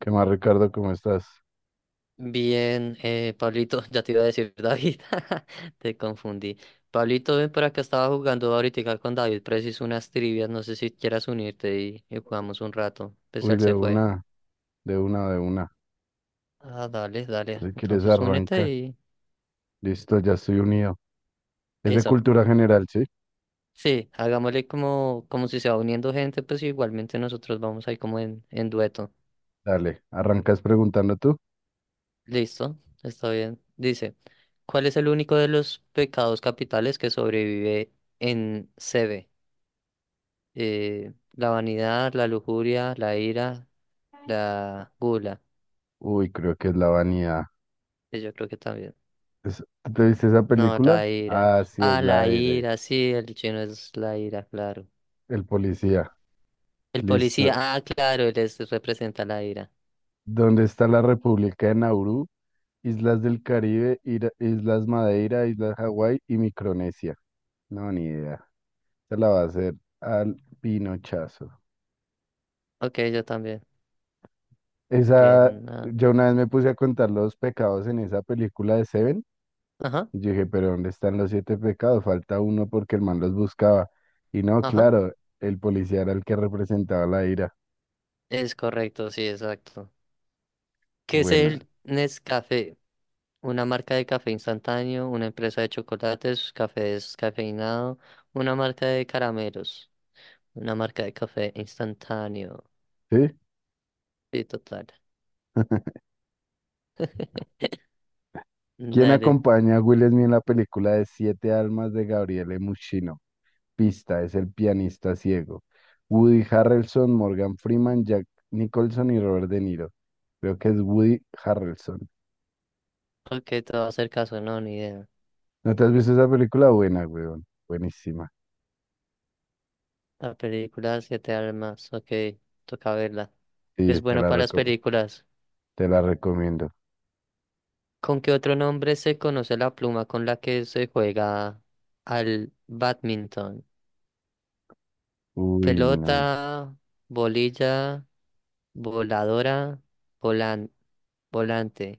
¿Qué más, Ricardo? ¿Cómo estás? Bien, Pablito, ya te iba a decir David, te confundí. Pablito, ven para acá, estaba jugando ahorita con David, preciso unas trivias, no sé si quieras unirte y jugamos un rato, pues Uy, él de se fue. una, de una, de una. Ah, dale, dale, Si quieres, entonces únete arranca. y Listo, ya estoy unido. Es de eso. cultura general, ¿sí? Sí, hagámosle como si se va uniendo gente, pues igualmente nosotros vamos ahí como en dueto. Dale, arrancas preguntando tú. Listo, está bien. Dice, ¿cuál es el único de los pecados capitales que sobrevive en C B la vanidad, la lujuria, la ira, la gula. Uy, creo que es la vanidad. Que Yo creo que también. Es- ¿Tú ¿Te viste esa No, película? la ira. Ah, sí, es Ah, la la de ira, sí, el chino es la ira, claro. el policía. El Listo. policía, ah, claro, representa la ira. ¿Dónde está la República de Nauru? Islas del Caribe, Islas Madeira, Islas Hawái y Micronesia. No, ni idea. Se la va a hacer al pinochazo. Ok, yo también. Esa, Bien. Yo una vez me puse a contar los pecados en esa película de Seven. Ajá, Y yo dije, pero ¿dónde están los siete pecados? Falta uno porque el man los buscaba. Y no, ajá. claro, el policía era el que representaba la ira. Es correcto, sí, exacto. ¿Qué es Bueno, el Nescafé? Una marca de café instantáneo, una empresa de chocolates, café descafeinado, una marca de caramelos, una marca de café instantáneo. ¿sí? Sí, total. ¿Quién Dale. acompaña a Will Smith en la película de Siete Almas de Gabriele Muchino? Pista, es el pianista ciego. Woody Harrelson, Morgan Freeman, Jack Nicholson y Robert De Niro. Creo que es Woody Harrelson. Ok, te voy a hacer caso, no, ni idea. ¿No te has visto esa película? Buena, weón. Buenísima. La película Siete Almas, ok, toca verla. Es Sí, te bueno la, para las reco- películas. Te la recomiendo. ¿Con qué otro nombre se conoce la pluma con la que se juega al badminton? Uy, no, Pelota, bolilla, voladora, volan, volante,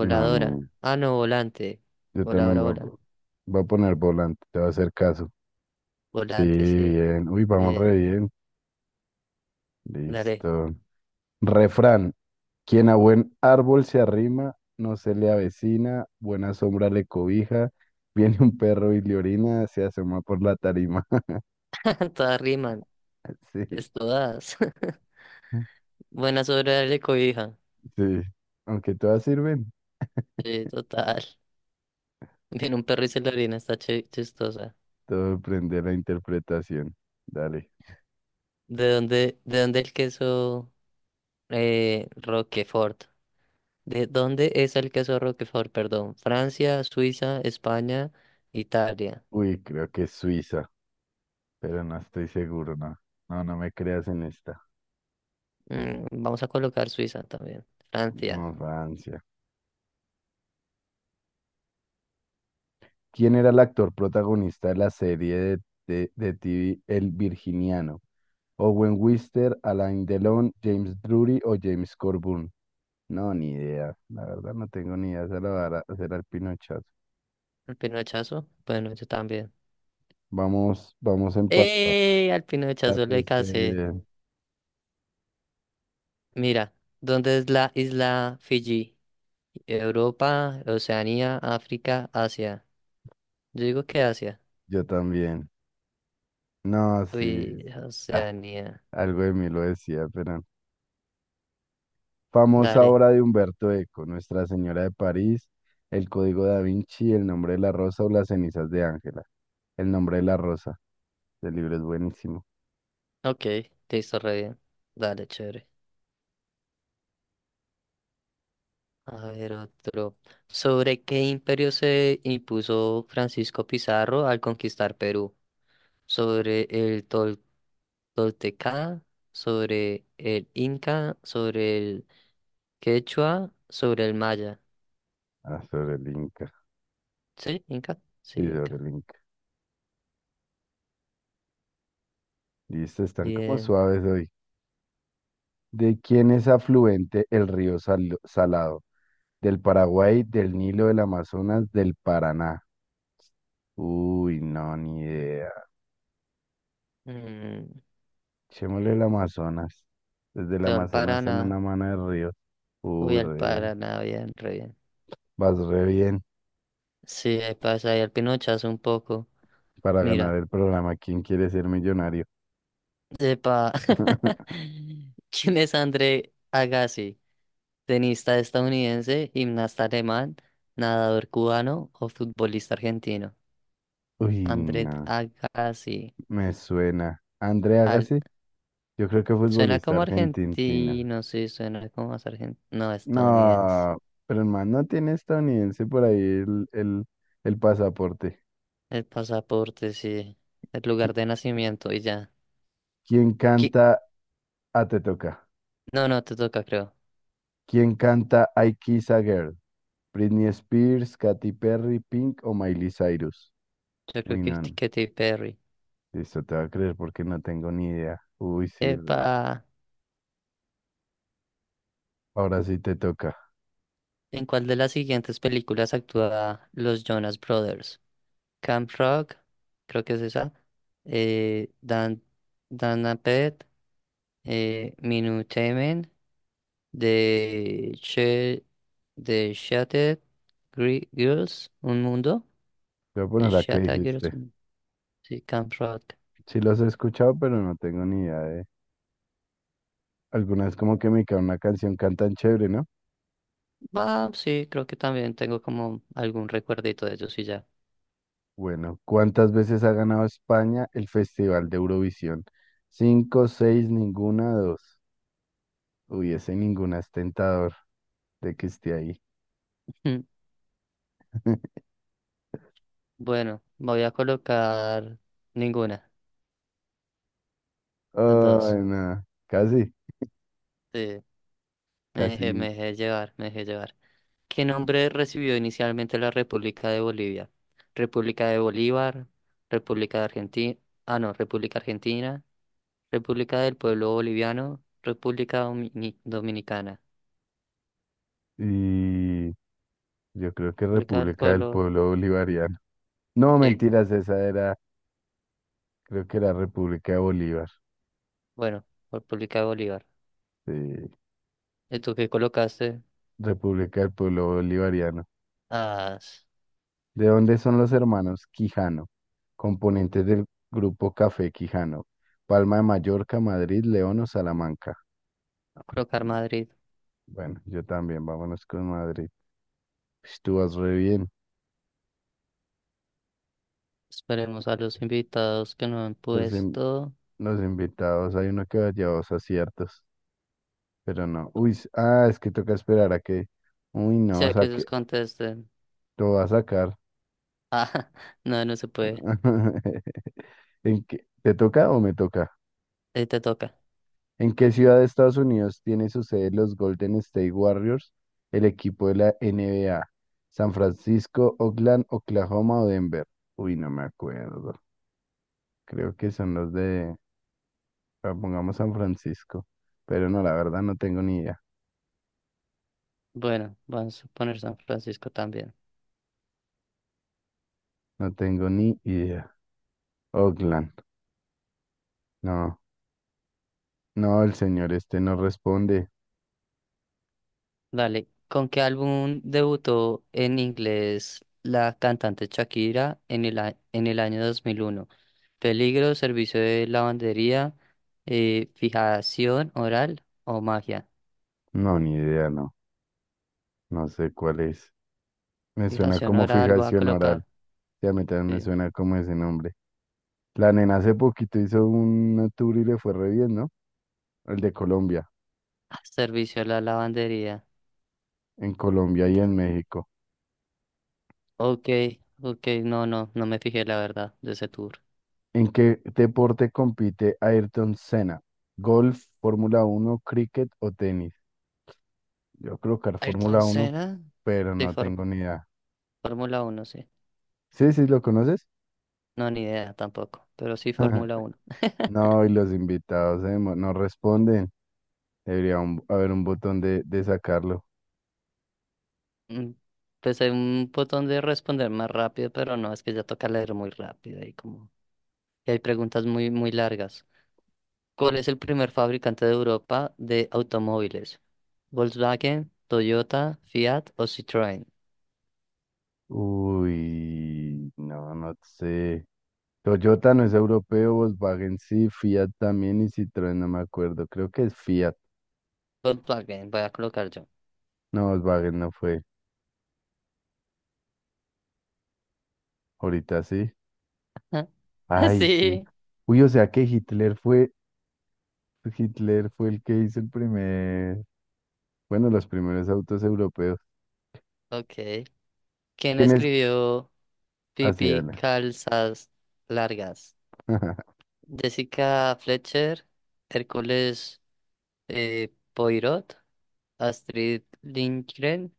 no, ni. Ah, no, volante. Yo también Voladora, voy a, vola. po- Voy a poner volante, te va a hacer caso. Sí, Volante, sí. bien. Uy, vamos Bien, re bien. dale. Listo. Refrán. Quien a buen árbol se arrima, no se le avecina, buena sombra le cobija, viene un perro y le orina, se asoma por la tarima. Todas riman, Sí, pues todas. Buena sobre darle cobija. sí. Aunque todas sirven, Sí, total. Viene un perro y se lo orina, está chistosa. todo depende de la interpretación. Dale. ¿De dónde el queso Roquefort? ¿De dónde es el queso Roquefort? Perdón. Francia, Suiza, España, Italia. Uy, creo que es Suiza, pero no estoy seguro, no. No, no me creas en esta. Mm, vamos a colocar Suiza también. No, Francia. Francia. ¿Quién era el actor protagonista de la serie de TV El Virginiano? ¿Owen Wister, Alain Delon, James Drury o James Corbun? No, ni idea. La verdad no tengo ni idea. Se la va a dar- Hacer al Pinochet. ¿Al pinochazo? Bueno, yo también. Vamos, vamos empatados. ¡Eh! Al La pinochazo le tuviste casé. bien. Mira, ¿dónde es la isla Fiji? Europa, Oceanía, África, Asia. Yo digo que Asia. Yo también. No, sí. Uy, Ah, Oceanía. algo de mí lo decía, pero famosa Dale. obra de Humberto Eco, ¿Nuestra Señora de París, El Código da Vinci, El nombre de la rosa o Las cenizas de Ángela? El nombre de la rosa. El libro es buenísimo. Ok, te hizo re bien. Dale, chévere. A ver, otro. ¿Sobre qué imperio se impuso Francisco Pizarro al conquistar Perú? ¿Sobre el Tol- Tolteca? ¿Sobre el Inca? ¿Sobre el Quechua? ¿Sobre el Maya? Ah, sobre el Inca. ¿Sí? ¿Inca? Sí, Sí, sobre Inca. el Inca. Listo, están como Bien. suaves hoy. ¿De quién es afluente el río Salado? ¿Del Paraguay, del Nilo, del Amazonas, del Paraná? Uy, no, ni idea. Mm, Echémosle el Amazonas. Desde el voy al Amazonas sale una Paraná. mano de río. Voy Uy, al re bien. Paraná, bien, re bien. Vas re bien. Sí, ahí pasa ahí al Pinochazo un poco. Para ganar Mira. el programa ¿Quién quiere ser millonario? Sepa. ¿Quién es André Agassi? Tenista estadounidense, gimnasta alemán, nadador cubano o futbolista argentino. Uy, André no, Agassi. me suena. André Al... Agassi, yo creo que Suena futbolista como argentina. argentino, sí, suena como más argentino. No, estadounidense. No, pero el man no tiene estadounidense por ahí el pasaporte. El pasaporte, sí. El lugar Qui- de nacimiento y ya. ¿Quién Qui- canta A Te Toca? No, no, te toca, creo. ¿Quién canta I Kiss a Girl? ¿Britney Spears, Katy Perry, Pink o Miley Cyrus? Yo creo Uy, que no, es no. Katy Perry. Listo, te va a creer porque no tengo ni idea. Uy, sí, re. Epa. Ahora sí te toca. ¿En cuál de las siguientes películas actúa los Jonas Brothers? Camp Rock, creo que es esa. Eh, Dan, Dan Apet, Minutamen, de She, de Girls, Un Mundo, Te voy a de poner la que Shattered dijiste. Sí, Camp Rock. Sí los he escuchado, pero no tengo ni idea de... Algunas como que me cae una canción, cantan chévere, ¿no? Ah, sí, creo que también tengo como algún recuerdito de ellos y ya. Bueno, ¿cuántas veces ha ganado España el Festival de Eurovisión? Cinco, seis, ninguna, dos. Uy, ese ninguna es tentador de que esté ahí. Mm, bueno, voy a colocar ninguna, dos. Ay, no, casi, Sí, me casi dejé, me ninguna. dejé llevar, me dejé llevar. ¿Qué nombre recibió inicialmente la República de Bolivia? República de Bolívar, República de Argentina, ah no, República Argentina, República del Pueblo Boliviano, Dominicana, Y yo creo que República del República del Pueblo, Pueblo Bolivariano. No, sí, mentiras, esa era, creo que era República de Bolívar. bueno, República de Bolívar. Sí, ¿Y tú qué colocaste? República del Pueblo Bolivariano. Ah, s- ¿De dónde son los hermanos Quijano, componentes del grupo Café Quijano? Palma de Mallorca, Madrid, León o Salamanca. a colocar Madrid. Bueno, yo también, vámonos con Madrid. Pues tú vas re bien. Esperemos a los invitados que no han Los, in- puesto, los invitados, hay uno que lleva dos aciertos, pero no. Uy, ah, es que toca esperar a que. Uy, no, o sea que sea ellos que contesten. lo va a sacar. Ah, no, no se puede. ¿En qué? ¿Te toca o me toca? Te toca. ¿En qué ciudad de Estados Unidos tiene su sede los Golden State Warriors, el equipo de la NBA? ¿San Francisco, Oakland, Oklahoma o Denver? Uy, no me acuerdo. Creo que son los de, ah, pongamos San Francisco, pero no, la verdad no tengo ni idea. Bueno, vamos a poner San Francisco también. No tengo ni idea. Oakland. No, no, el señor este no responde. Dale, ¿con qué álbum debutó en inglés la cantante Shakira en en el año 2001? ¿Peligro, servicio de lavandería, fijación oral o magia? No, ni idea, no. No sé cuál es. Me suena Fijación como oral voy a fijación oral. colocar. Ya a mí también me Sí. suena como ese nombre. La nena hace poquito hizo un tour y le fue re bien, ¿no? El de Colombia, Ah, Servicio a la lavandería. en Colombia y en México. Ok, ok, no, no, no me fijé la verdad de ese tour. ¿En qué deporte compite Ayrton Senna? ¿Golf, Fórmula uno, cricket o tenis? Yo creo que era Ayrton Fórmula uno, Senna, pero sí, no tengo ni idea. Fórmula uno sí. Sí, sí, ¿lo conoces? No, ni idea tampoco, pero sí Fórmula uno. No, y los invitados no responden. Haber un botón de sacarlo. Mm, pues hay un botón de responder más rápido, pero no, es que ya toca leer muy rápido y como y hay preguntas muy muy largas. ¿Cuál es el primer fabricante de Europa de automóviles? ¿Volkswagen, Toyota, Fiat o Citroën? Uy, no, no sé. Toyota no es europeo, Volkswagen sí, Fiat también y Citroën, no me acuerdo. Creo que es Fiat. Volkswagen, voy a colocar yo. No, Volkswagen no fue. Ahorita sí. Ay, sí. Sí, Uy, o sea que Hitler fue el que hizo el primer, bueno, los primeros autos europeos. ok. ¿Quién ¿Quién es? escribió Así, Pipi dale. Calzas Largas? Jessica Fletcher, Hércules Poirot, Astrid Lindgren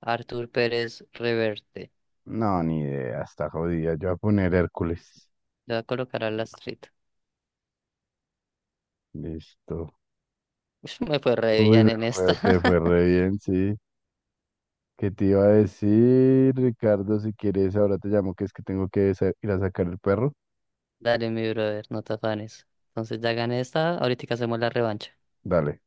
Artur Pérez Reverte. No, ni idea, está jodida. Yo voy a poner Hércules. Le voy a colocar a Lastrito. Listo. Ush, me fue re Uy, bien en esta. Te fue re bien, sí. ¿Qué te iba a decir, Ricardo? Si quieres, ahora te llamo, que es que tengo que ir a sacar el perro. Dale, mi brother, no te afanes. Entonces ya gané esta, ahorita hacemos la revancha. Dale.